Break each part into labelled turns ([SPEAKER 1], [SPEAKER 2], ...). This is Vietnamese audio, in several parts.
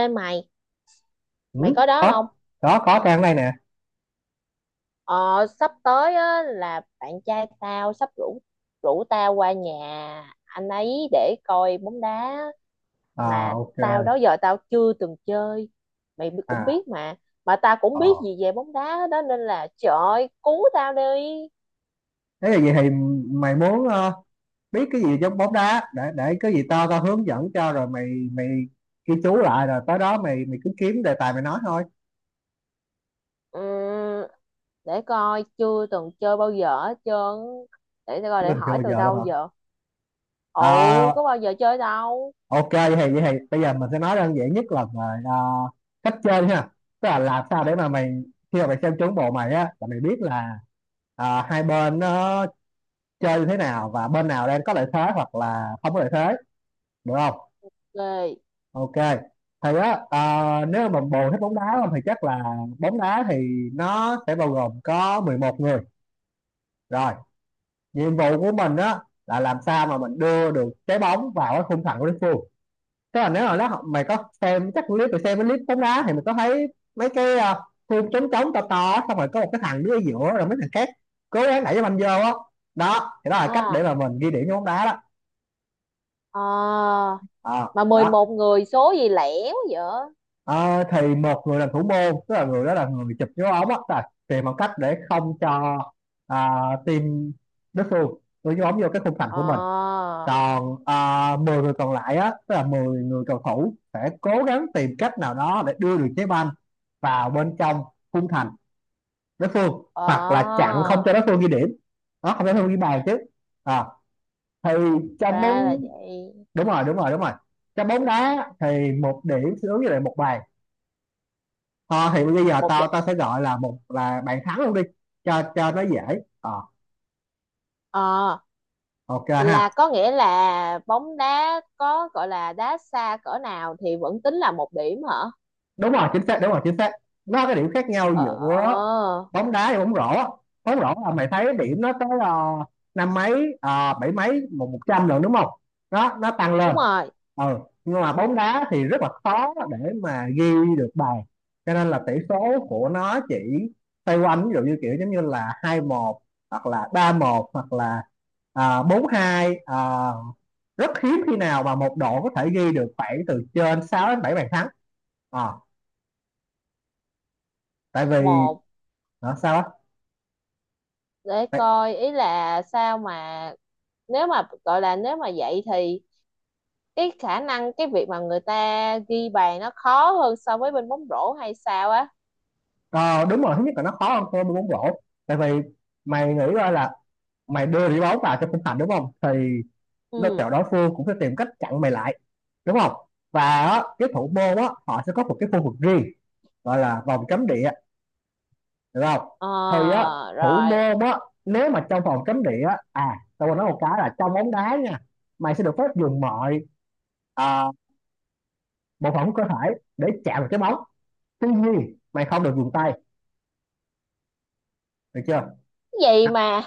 [SPEAKER 1] Ê mày, mày
[SPEAKER 2] Ừ,
[SPEAKER 1] có đó không?
[SPEAKER 2] có Có trang này nè.
[SPEAKER 1] Ờ, sắp tới á, là bạn trai tao sắp rủ rủ tao qua nhà anh ấy để coi bóng đá,
[SPEAKER 2] À.
[SPEAKER 1] mà
[SPEAKER 2] Ok.
[SPEAKER 1] tao đó giờ tao chưa từng chơi. Mày cũng
[SPEAKER 2] À.
[SPEAKER 1] biết mà tao cũng
[SPEAKER 2] ờ
[SPEAKER 1] biết gì về bóng đá đó, nên là trời ơi, cứu tao đi.
[SPEAKER 2] Thế là vậy thì mày muốn biết cái gì trong bóng đá để cái gì tao tao hướng dẫn cho, rồi mày mày ghi chú lại rồi tới đó mày mày cứ kiếm đề tài mày nói thôi.
[SPEAKER 1] Ừm, để coi, chưa từng chơi bao giờ hết trơn. Để tao coi
[SPEAKER 2] Chứ
[SPEAKER 1] để
[SPEAKER 2] mình chưa
[SPEAKER 1] hỏi
[SPEAKER 2] bao
[SPEAKER 1] từ
[SPEAKER 2] giờ luôn
[SPEAKER 1] đâu
[SPEAKER 2] hả?
[SPEAKER 1] giờ. Ồ,
[SPEAKER 2] À.
[SPEAKER 1] có bao giờ chơi đâu.
[SPEAKER 2] Ok vậy thì bây giờ mình sẽ nói đơn giản nhất là về cách chơi ha, tức là làm sao để mà mày khi mà mày xem trúng bộ mày á là mày biết là hai bên nó chơi như thế nào và bên nào đang có lợi thế hoặc là không có lợi thế, được không?
[SPEAKER 1] Ghê.
[SPEAKER 2] Ok, thì á, à, nếu mà bồ thích bóng đá không thì chắc là bóng đá thì nó sẽ bao gồm có 11 người, rồi nhiệm vụ của mình á là làm sao mà mình đưa được trái bóng vào cái khung thành của đối phương. Tức là nếu mà nó mày có xem chắc clip, mày xem cái clip bóng đá thì mình có thấy mấy cái khung trống trống to to, xong rồi có một cái thằng đứng ở giữa rồi mấy thằng khác cố gắng đẩy cái banh vô á, đó thì đó là cách để
[SPEAKER 1] À,
[SPEAKER 2] mà mình ghi điểm cho bóng đá đó.
[SPEAKER 1] à.
[SPEAKER 2] Ờ,
[SPEAKER 1] Mà mười
[SPEAKER 2] Đó.
[SPEAKER 1] một người số gì lẻo vậy?
[SPEAKER 2] Ờ, thì một người làm thủ môn, tức là người đó là người chụp dấu ống á, tức là tìm bằng cách để không cho à, team đối phương đưa dấu ống vô cái khung thành
[SPEAKER 1] Ờ,
[SPEAKER 2] của mình. Còn 10 người còn lại á, tức là 10 người cầu thủ sẽ cố gắng tìm cách nào đó để đưa được trái banh vào bên trong khung thành đối phương, hoặc là
[SPEAKER 1] ờ,
[SPEAKER 2] chặn không cho đối phương ghi điểm. Đó, không cho đối phương ghi bàn chứ. À, thì trong
[SPEAKER 1] ra
[SPEAKER 2] bóng
[SPEAKER 1] là vậy.
[SPEAKER 2] Đúng rồi. Trong bóng đá thì một điểm sẽ ứng với lại một bàn. Ờ, thì bây giờ
[SPEAKER 1] một đ...
[SPEAKER 2] tao tao sẽ gọi là một là bạn thắng luôn đi, cho nó dễ. Ờ,
[SPEAKER 1] ờ,
[SPEAKER 2] ok ha.
[SPEAKER 1] là có nghĩa là bóng đá có gọi là đá xa cỡ nào thì vẫn tính là một điểm hả?
[SPEAKER 2] Đúng rồi, chính xác. Đúng rồi, chính xác. Nó có cái điểm khác nhau
[SPEAKER 1] Ờ,
[SPEAKER 2] giữa bóng đá và bóng rổ á. Bóng rổ là mày thấy điểm nó tới năm mấy, bảy mấy, một 100 rồi, đúng không? Đó, nó tăng
[SPEAKER 1] đúng
[SPEAKER 2] lên.
[SPEAKER 1] rồi.
[SPEAKER 2] Ừ, nhưng mà bóng đá thì rất là khó để mà ghi được bàn, cho nên là tỷ số của nó chỉ xoay quanh, ví dụ như kiểu giống như là 2-1, hoặc là 3-1, hoặc là 4-2. Rất hiếm khi nào mà một đội có thể ghi được khoảng từ trên 6 đến 7 bàn thắng. Ờ, Tại vì
[SPEAKER 1] một
[SPEAKER 2] sao á?
[SPEAKER 1] để
[SPEAKER 2] tại,
[SPEAKER 1] coi, ý là sao mà nếu mà gọi là, nếu mà vậy thì cái khả năng, cái việc mà người ta ghi bàn nó khó hơn so với bên bóng rổ hay sao á?
[SPEAKER 2] ờ, đúng rồi, thứ nhất là nó khó hơn so với bóng rổ, tại vì mày nghĩ coi là mày đưa đi bóng vào cho khung thành, đúng không, thì đối
[SPEAKER 1] Ừ.
[SPEAKER 2] tượng đối phương cũng sẽ tìm cách chặn mày lại, đúng không, và á, cái thủ môn á họ sẽ có một cái khu vực riêng gọi là vòng cấm địa, được không? Thì á,
[SPEAKER 1] Ờ.
[SPEAKER 2] thủ
[SPEAKER 1] Rồi.
[SPEAKER 2] môn á, nếu mà trong vòng cấm địa á, à tôi còn nói một cái là trong bóng đá nha, mày sẽ được phép dùng mọi à, bộ phận của cơ thể để chạm vào cái bóng, tuy nhiên mày không được dùng tay, được chưa?
[SPEAKER 1] Cái gì mà,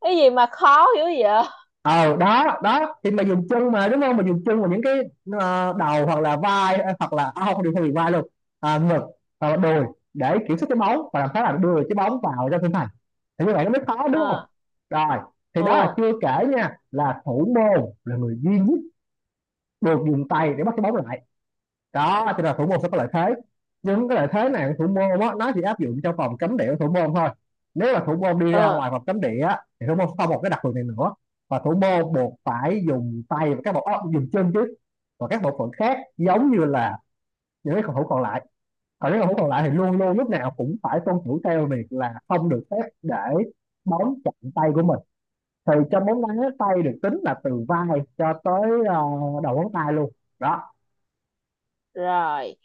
[SPEAKER 1] cái gì mà khó hiểu vậy?
[SPEAKER 2] Ờ, đó đó thì mình dùng chân mà, đúng không, mình dùng chân vào những cái đầu hoặc là vai, hoặc là không điều không bị vai luôn, ngực hoặc là đùi, để kiểm soát cái bóng và làm sao là đưa cái bóng vào trong khung thành, thì như vậy nó mới khó, đúng không?
[SPEAKER 1] Ờ.
[SPEAKER 2] Rồi, thì đó là
[SPEAKER 1] Ờ.
[SPEAKER 2] chưa kể nha, là thủ môn là người duy nhất được dùng tay để bắt cái bóng lại. Đó thì là thủ môn sẽ có lợi thế, nhưng cái lợi thế này thủ môn á nó chỉ áp dụng trong vòng cấm địa của thủ môn thôi. Nếu mà thủ môn đi ra
[SPEAKER 1] Ờ.
[SPEAKER 2] ngoài vòng cấm địa á, thì thủ môn sẽ không một cái đặc quyền này nữa. Và thủ môn buộc phải dùng tay và các bộ óc dùng chân chứ, và các bộ phận khác giống như là những cái cầu thủ còn lại. Còn những cầu thủ còn lại thì luôn luôn lúc nào cũng phải tuân thủ theo việc là không được phép để bóng chạm tay của mình. Thì trong bóng đá, tay được tính là từ vai cho tới đầu ngón tay luôn. Đó.
[SPEAKER 1] Rồi.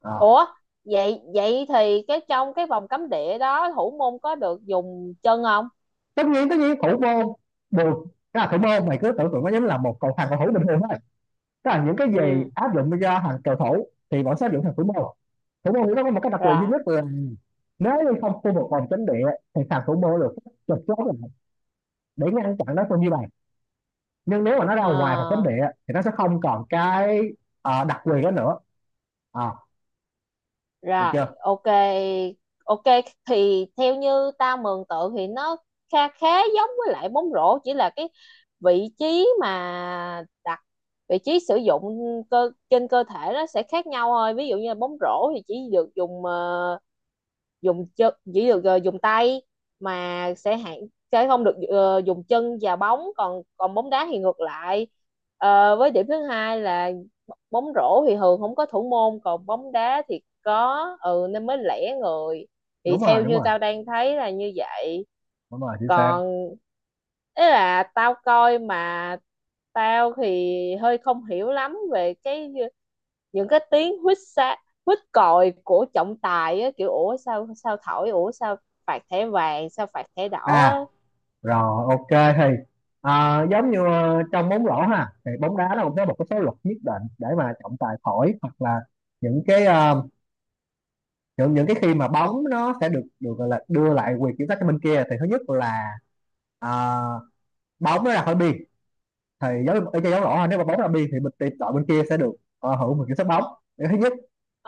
[SPEAKER 2] Ờ.
[SPEAKER 1] Ủa, vậy vậy thì cái trong cái vòng cấm địa đó thủ môn có được dùng chân không?
[SPEAKER 2] Tất nhiên, tất nhiên thủ môn buồn cái là thủ môn mày cứ tưởng tượng nó giống là một thằng cầu thủ bình thường thôi, tức là những cái
[SPEAKER 1] Ừ.
[SPEAKER 2] gì áp dụng cho hàng cầu thủ thì bọn sẽ áp dụng thằng thủ môn. Thủ môn thì nó có một cái đặc quyền duy
[SPEAKER 1] Rồi.
[SPEAKER 2] nhất là nếu như không khu vực vòng cấm địa thì thằng thủ môn được chụp chốt lại để ngăn chặn đối phương như vậy. Nhưng nếu mà nó ra
[SPEAKER 1] Ờ.
[SPEAKER 2] ngoài vòng cấm địa thì nó sẽ không còn cái đặc quyền đó nữa. à, Được
[SPEAKER 1] Rồi.
[SPEAKER 2] chưa?
[SPEAKER 1] Ok. Ok, thì theo như ta mường tượng thì nó khá, khá giống với lại bóng rổ, chỉ là cái vị trí mà đặt, vị trí sử dụng cơ trên cơ thể nó sẽ khác nhau thôi. Ví dụ như là bóng rổ thì chỉ được dùng chân, chỉ được dùng tay, mà sẽ hạn, sẽ không được dùng chân và bóng, còn còn bóng đá thì ngược lại. Ờ, với điểm thứ hai là bóng rổ thì thường không có thủ môn, còn bóng đá thì có, ừ, nên mới lẻ người. Thì
[SPEAKER 2] Đúng rồi,
[SPEAKER 1] theo
[SPEAKER 2] đúng
[SPEAKER 1] như
[SPEAKER 2] rồi,
[SPEAKER 1] tao đang thấy là như vậy.
[SPEAKER 2] đúng rồi, chính xác.
[SPEAKER 1] Còn ý là tao coi mà tao thì hơi không hiểu lắm về cái những cái tiếng huýt sáo, mít còi của trọng tài á, kiểu ủa sao, sao thổi, ủa sao phạt thẻ vàng, sao phạt thẻ đỏ
[SPEAKER 2] À.
[SPEAKER 1] á.
[SPEAKER 2] Rồi, ok thì giống như trong bóng rổ ha, thì bóng đá nó cũng có một cái số luật nhất định để mà trọng tài thổi, hoặc là những cái những cái khi mà bóng nó sẽ được được gọi là đưa lại quyền kiểm soát cho bên kia. Thì thứ nhất là ờ, bóng nó ra khỏi biên, thì giống ở chơi giống rõ ha, nếu mà bóng ra biên thì mình tìm đội bên kia sẽ được hưởng một kiểm soát bóng. Điều thứ nhất.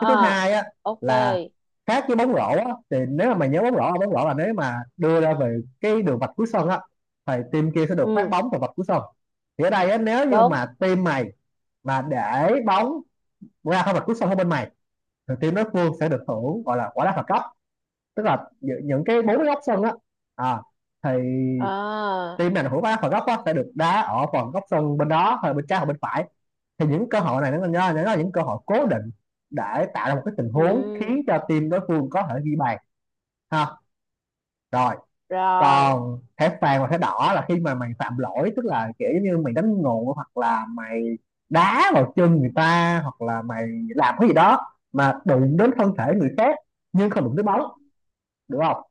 [SPEAKER 2] Cái thứ hai á
[SPEAKER 1] ok.
[SPEAKER 2] là khác với bóng rổ á, thì nếu mà mày nhớ bóng rổ là nếu mà đưa ra về cái đường vạch cuối sân á thì team kia sẽ được phát
[SPEAKER 1] Ừ,
[SPEAKER 2] bóng từ vạch cuối sân. Thì ở đây á, nếu như
[SPEAKER 1] đúng.
[SPEAKER 2] mà team mày mà để bóng ra khỏi vạch cuối sân của bên mày thì team đối phương sẽ được hưởng gọi là quả đá phạt góc, tức là những cái bốn cái góc sân á, à, thì
[SPEAKER 1] À,
[SPEAKER 2] team này hưởng quả đá phạt góc á sẽ được đá ở phần góc sân bên đó, hay bên trái hoặc bên phải. Thì những cơ hội này nó là những cơ hội cố định để tạo ra một cái tình huống
[SPEAKER 1] ừ,
[SPEAKER 2] khiến cho team đối phương có thể ghi bàn, ha. Rồi,
[SPEAKER 1] rồi.
[SPEAKER 2] còn thẻ vàng và thẻ đỏ là khi mà mày phạm lỗi, tức là kiểu như mày đánh ngộ hoặc là mày đá vào chân người ta, hoặc là mày làm cái gì đó mà đụng đến thân thể người khác nhưng không đụng tới bóng, được không?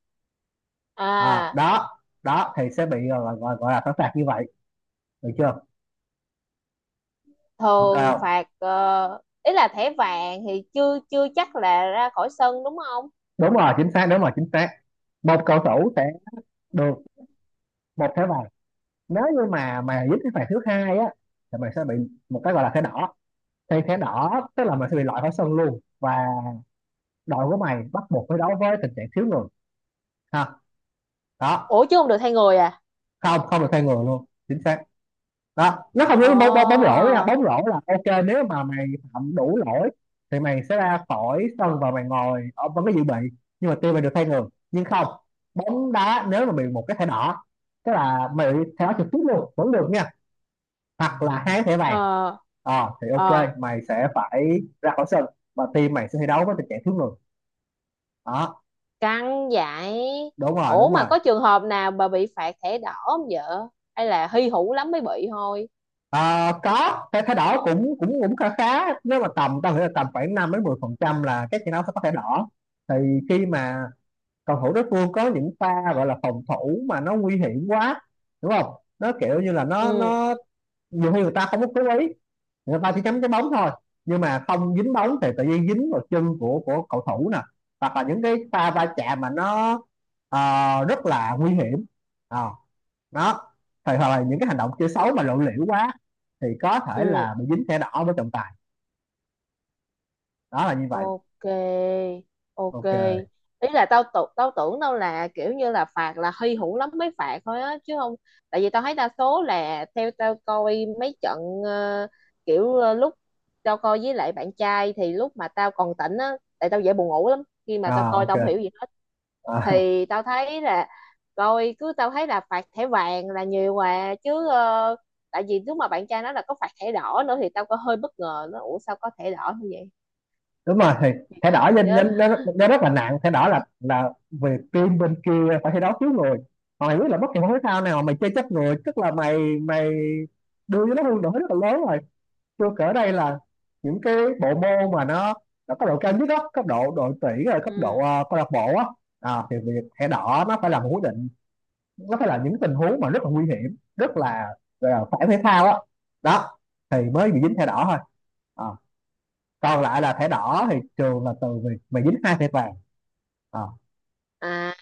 [SPEAKER 1] À,
[SPEAKER 2] Đó đó thì sẽ bị gọi là thẻ phạt như vậy, được chưa? Ok.
[SPEAKER 1] thường phạt, ý là thẻ vàng thì chưa chưa chắc là ra khỏi sân đúng không?
[SPEAKER 2] Đúng rồi, chính xác. Đúng rồi, chính xác. Một cầu thủ sẽ được một thẻ vàng, nếu như mà dính cái phạt thứ hai á thì mày sẽ bị một cái gọi là thẻ đỏ. Thì thẻ đỏ tức là mày sẽ bị loại khỏi sân luôn, và đội của mày bắt buộc phải đấu với tình trạng thiếu người, ha. Đó.
[SPEAKER 1] Ủa, chứ không được thay người à?
[SPEAKER 2] Không, không được thay người luôn, chính xác. Đó, nó không
[SPEAKER 1] Ờ.
[SPEAKER 2] giống bóng bóng bóng rổ nha, bóng rổ là ok nếu mà mày phạm đủ lỗi thì mày sẽ ra khỏi sân và mày ngồi ở vẫn cái dự bị, nhưng mà team mày được thay người. Nhưng không, bóng đá nếu mà bị một cái thẻ đỏ, tức là mày bị thẻ đỏ trực tiếp luôn vẫn được nha, hoặc là hai thẻ vàng.
[SPEAKER 1] Ờ.
[SPEAKER 2] Ờ thì ok,
[SPEAKER 1] Ờ,
[SPEAKER 2] mày sẽ phải ra khỏi sân và team mày sẽ thi đấu với tình trạng thiếu người. Đó.
[SPEAKER 1] căng vậy.
[SPEAKER 2] Đúng rồi,
[SPEAKER 1] Ủa,
[SPEAKER 2] đúng
[SPEAKER 1] mà
[SPEAKER 2] rồi.
[SPEAKER 1] có trường hợp nào bà bị phạt thẻ đỏ không vợ, hay là hy hữu lắm mới bị thôi?
[SPEAKER 2] Ờ, có cái thái đỏ cũng cũng cũng khá khá, nếu mà tầm tao nghĩ là tầm khoảng 5 đến 10% là các trận đấu sẽ có thẻ đỏ. Thì khi mà cầu thủ đối phương có những pha gọi là phòng thủ mà nó nguy hiểm quá, đúng không, nó kiểu như là
[SPEAKER 1] Ừ.
[SPEAKER 2] nó nhiều khi người ta không có cố ý, người ta chỉ chấm cái bóng thôi, nhưng mà không dính bóng thì tự nhiên dính vào chân của cầu thủ nè, hoặc là những cái pha va chạm mà nó rất là nguy hiểm. Ờ, Đó, thì hoặc là những cái hành động chơi xấu mà lộ liễu quá thì có thể
[SPEAKER 1] Ừ.
[SPEAKER 2] là bị dính thẻ đỏ với trọng tài. Đó là như vậy.
[SPEAKER 1] Ok. Ok,
[SPEAKER 2] Ok.
[SPEAKER 1] ý là tao tưởng đâu là kiểu như là phạt là hy hữu lắm mới phạt thôi á chứ không. Tại vì tao thấy đa số là theo tao coi mấy trận, ờ, kiểu, lúc tao coi với lại bạn trai thì lúc mà tao còn tỉnh á, tại tao dễ buồn ngủ lắm, khi mà tao coi
[SPEAKER 2] Ok.
[SPEAKER 1] tao không hiểu gì hết,
[SPEAKER 2] Ờ,
[SPEAKER 1] thì tao thấy là, coi cứ tao thấy là phạt thẻ vàng là nhiều mà chứ. Ờ, Tại vì lúc mà bạn trai nói là có phạt thẻ đỏ nữa thì tao có hơi bất ngờ, nó ủa sao có thẻ đỏ như
[SPEAKER 2] Đúng rồi, thì thẻ đỏ nên
[SPEAKER 1] vậy.
[SPEAKER 2] nên nó rất là nặng. Thẻ đỏ là về team bên kia phải thi đấu thiếu người, còn mày biết là bất kỳ môn thể thao nào mà mày chơi chết người, tức là mày mày đưa cho nó hương nổi rất là lớn rồi. Tôi kể đây là những cái bộ môn mà nó cấp độ cao nhất đó, cấp độ đội tuyển rồi cấp độ
[SPEAKER 1] Ừ.
[SPEAKER 2] câu lạc bộ á. Thì việc thẻ đỏ nó phải là một quyết định, nó phải là những tình huống mà rất là nguy hiểm, rất là, gọi là phản thể thao á. Đó thì mới bị dính thẻ đỏ thôi. à, Còn lại là thẻ đỏ thì trường là từ việc mày dính hai thẻ vàng. à,
[SPEAKER 1] À,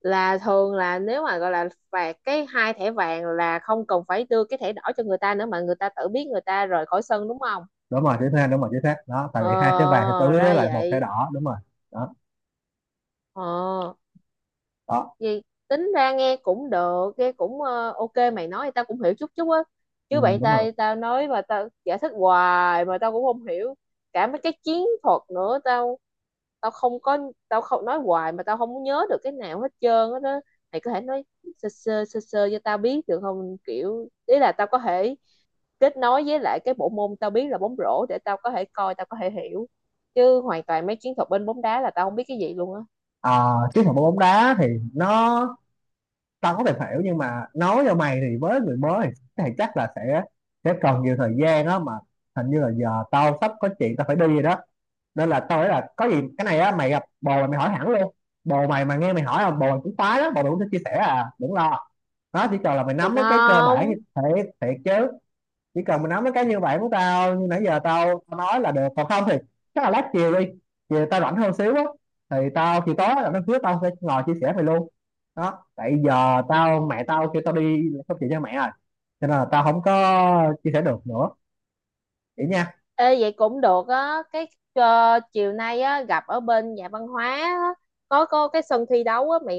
[SPEAKER 1] là thường là nếu mà gọi là phạt cái hai thẻ vàng là không cần phải đưa cái thẻ đỏ cho người ta nữa mà người ta tự biết người ta rời khỏi sân đúng không?
[SPEAKER 2] Đúng rồi, chính xác. Đúng rồi, chính xác. Đó, tại vì hai thẻ vàng thì tới
[SPEAKER 1] Ờ,
[SPEAKER 2] với
[SPEAKER 1] ra
[SPEAKER 2] lại một thẻ
[SPEAKER 1] vậy.
[SPEAKER 2] đỏ, đúng rồi. Đó.
[SPEAKER 1] Ờ.
[SPEAKER 2] Đó.
[SPEAKER 1] Vì tính ra nghe cũng được, nghe cũng ok, mày nói thì tao cũng hiểu chút chút á.
[SPEAKER 2] Ừ,
[SPEAKER 1] Chứ bạn
[SPEAKER 2] đúng rồi.
[SPEAKER 1] tao, tao nói mà tao giải thích hoài mà tao cũng không hiểu cả mấy cái chiến thuật nữa. Tao, tao không có, tao không nói hoài mà tao không có nhớ được cái nào hết trơn á đó. Mày có thể nói sơ sơ cho tao biết được không, kiểu ý là tao có thể kết nối với lại cái bộ môn tao biết là bóng rổ để tao có thể coi, tao có thể hiểu, chứ hoàn toàn mấy chiến thuật bên bóng đá là tao không biết cái gì luôn á.
[SPEAKER 2] à, Chiến thuật bóng đá thì nó tao có thể hiểu, nhưng mà nói cho mày thì với người mới thì, chắc là sẽ cần nhiều thời gian á mà. Hình như là giờ tao sắp có chuyện tao phải đi rồi đó, nên là tao nghĩ là có gì cái này á mày gặp bồ mày, mày hỏi hẳn luôn. Bồ mày mà nghe mày hỏi là bồ mày cũng khoái đó, bồ mày cũng sẽ chia sẻ, à đừng lo, nó chỉ cần là mày
[SPEAKER 1] Thiệt
[SPEAKER 2] nắm mấy cái cơ bản như
[SPEAKER 1] không?
[SPEAKER 2] thế. Thiệt chứ. Chỉ cần mình nói mấy cái như vậy của tao như nãy giờ tao nói là được, còn không thì chắc là lát chiều đi. Chiều tao rảnh hơn xíu á, thì tao thì tối là nó hứa tao sẽ ngồi chia sẻ về luôn. Đó, tại giờ tao mẹ tao kêu tao đi không chịu cho mẹ rồi, cho nên là tao không có chia sẻ được nữa. Vậy nha.
[SPEAKER 1] Ê, vậy cũng được á. Cái chiều nay á, gặp ở bên nhà văn hóa á, có cái sân thi đấu á mày,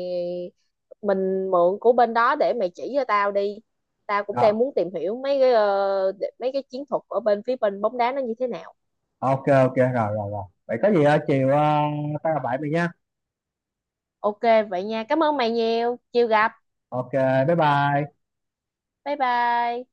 [SPEAKER 1] mình mượn của bên đó để mày chỉ cho tao đi. Tao cũng
[SPEAKER 2] Rồi
[SPEAKER 1] đang muốn tìm hiểu mấy cái mấy cái chiến thuật ở bên phía bên bóng đá nó như thế nào.
[SPEAKER 2] ok ok, rồi rồi rồi, vậy có gì chiều tao gặp lại mày nha.
[SPEAKER 1] Ok, vậy nha, cảm ơn mày nhiều, chiều gặp.
[SPEAKER 2] Ok. Bye bye.
[SPEAKER 1] Bye bye.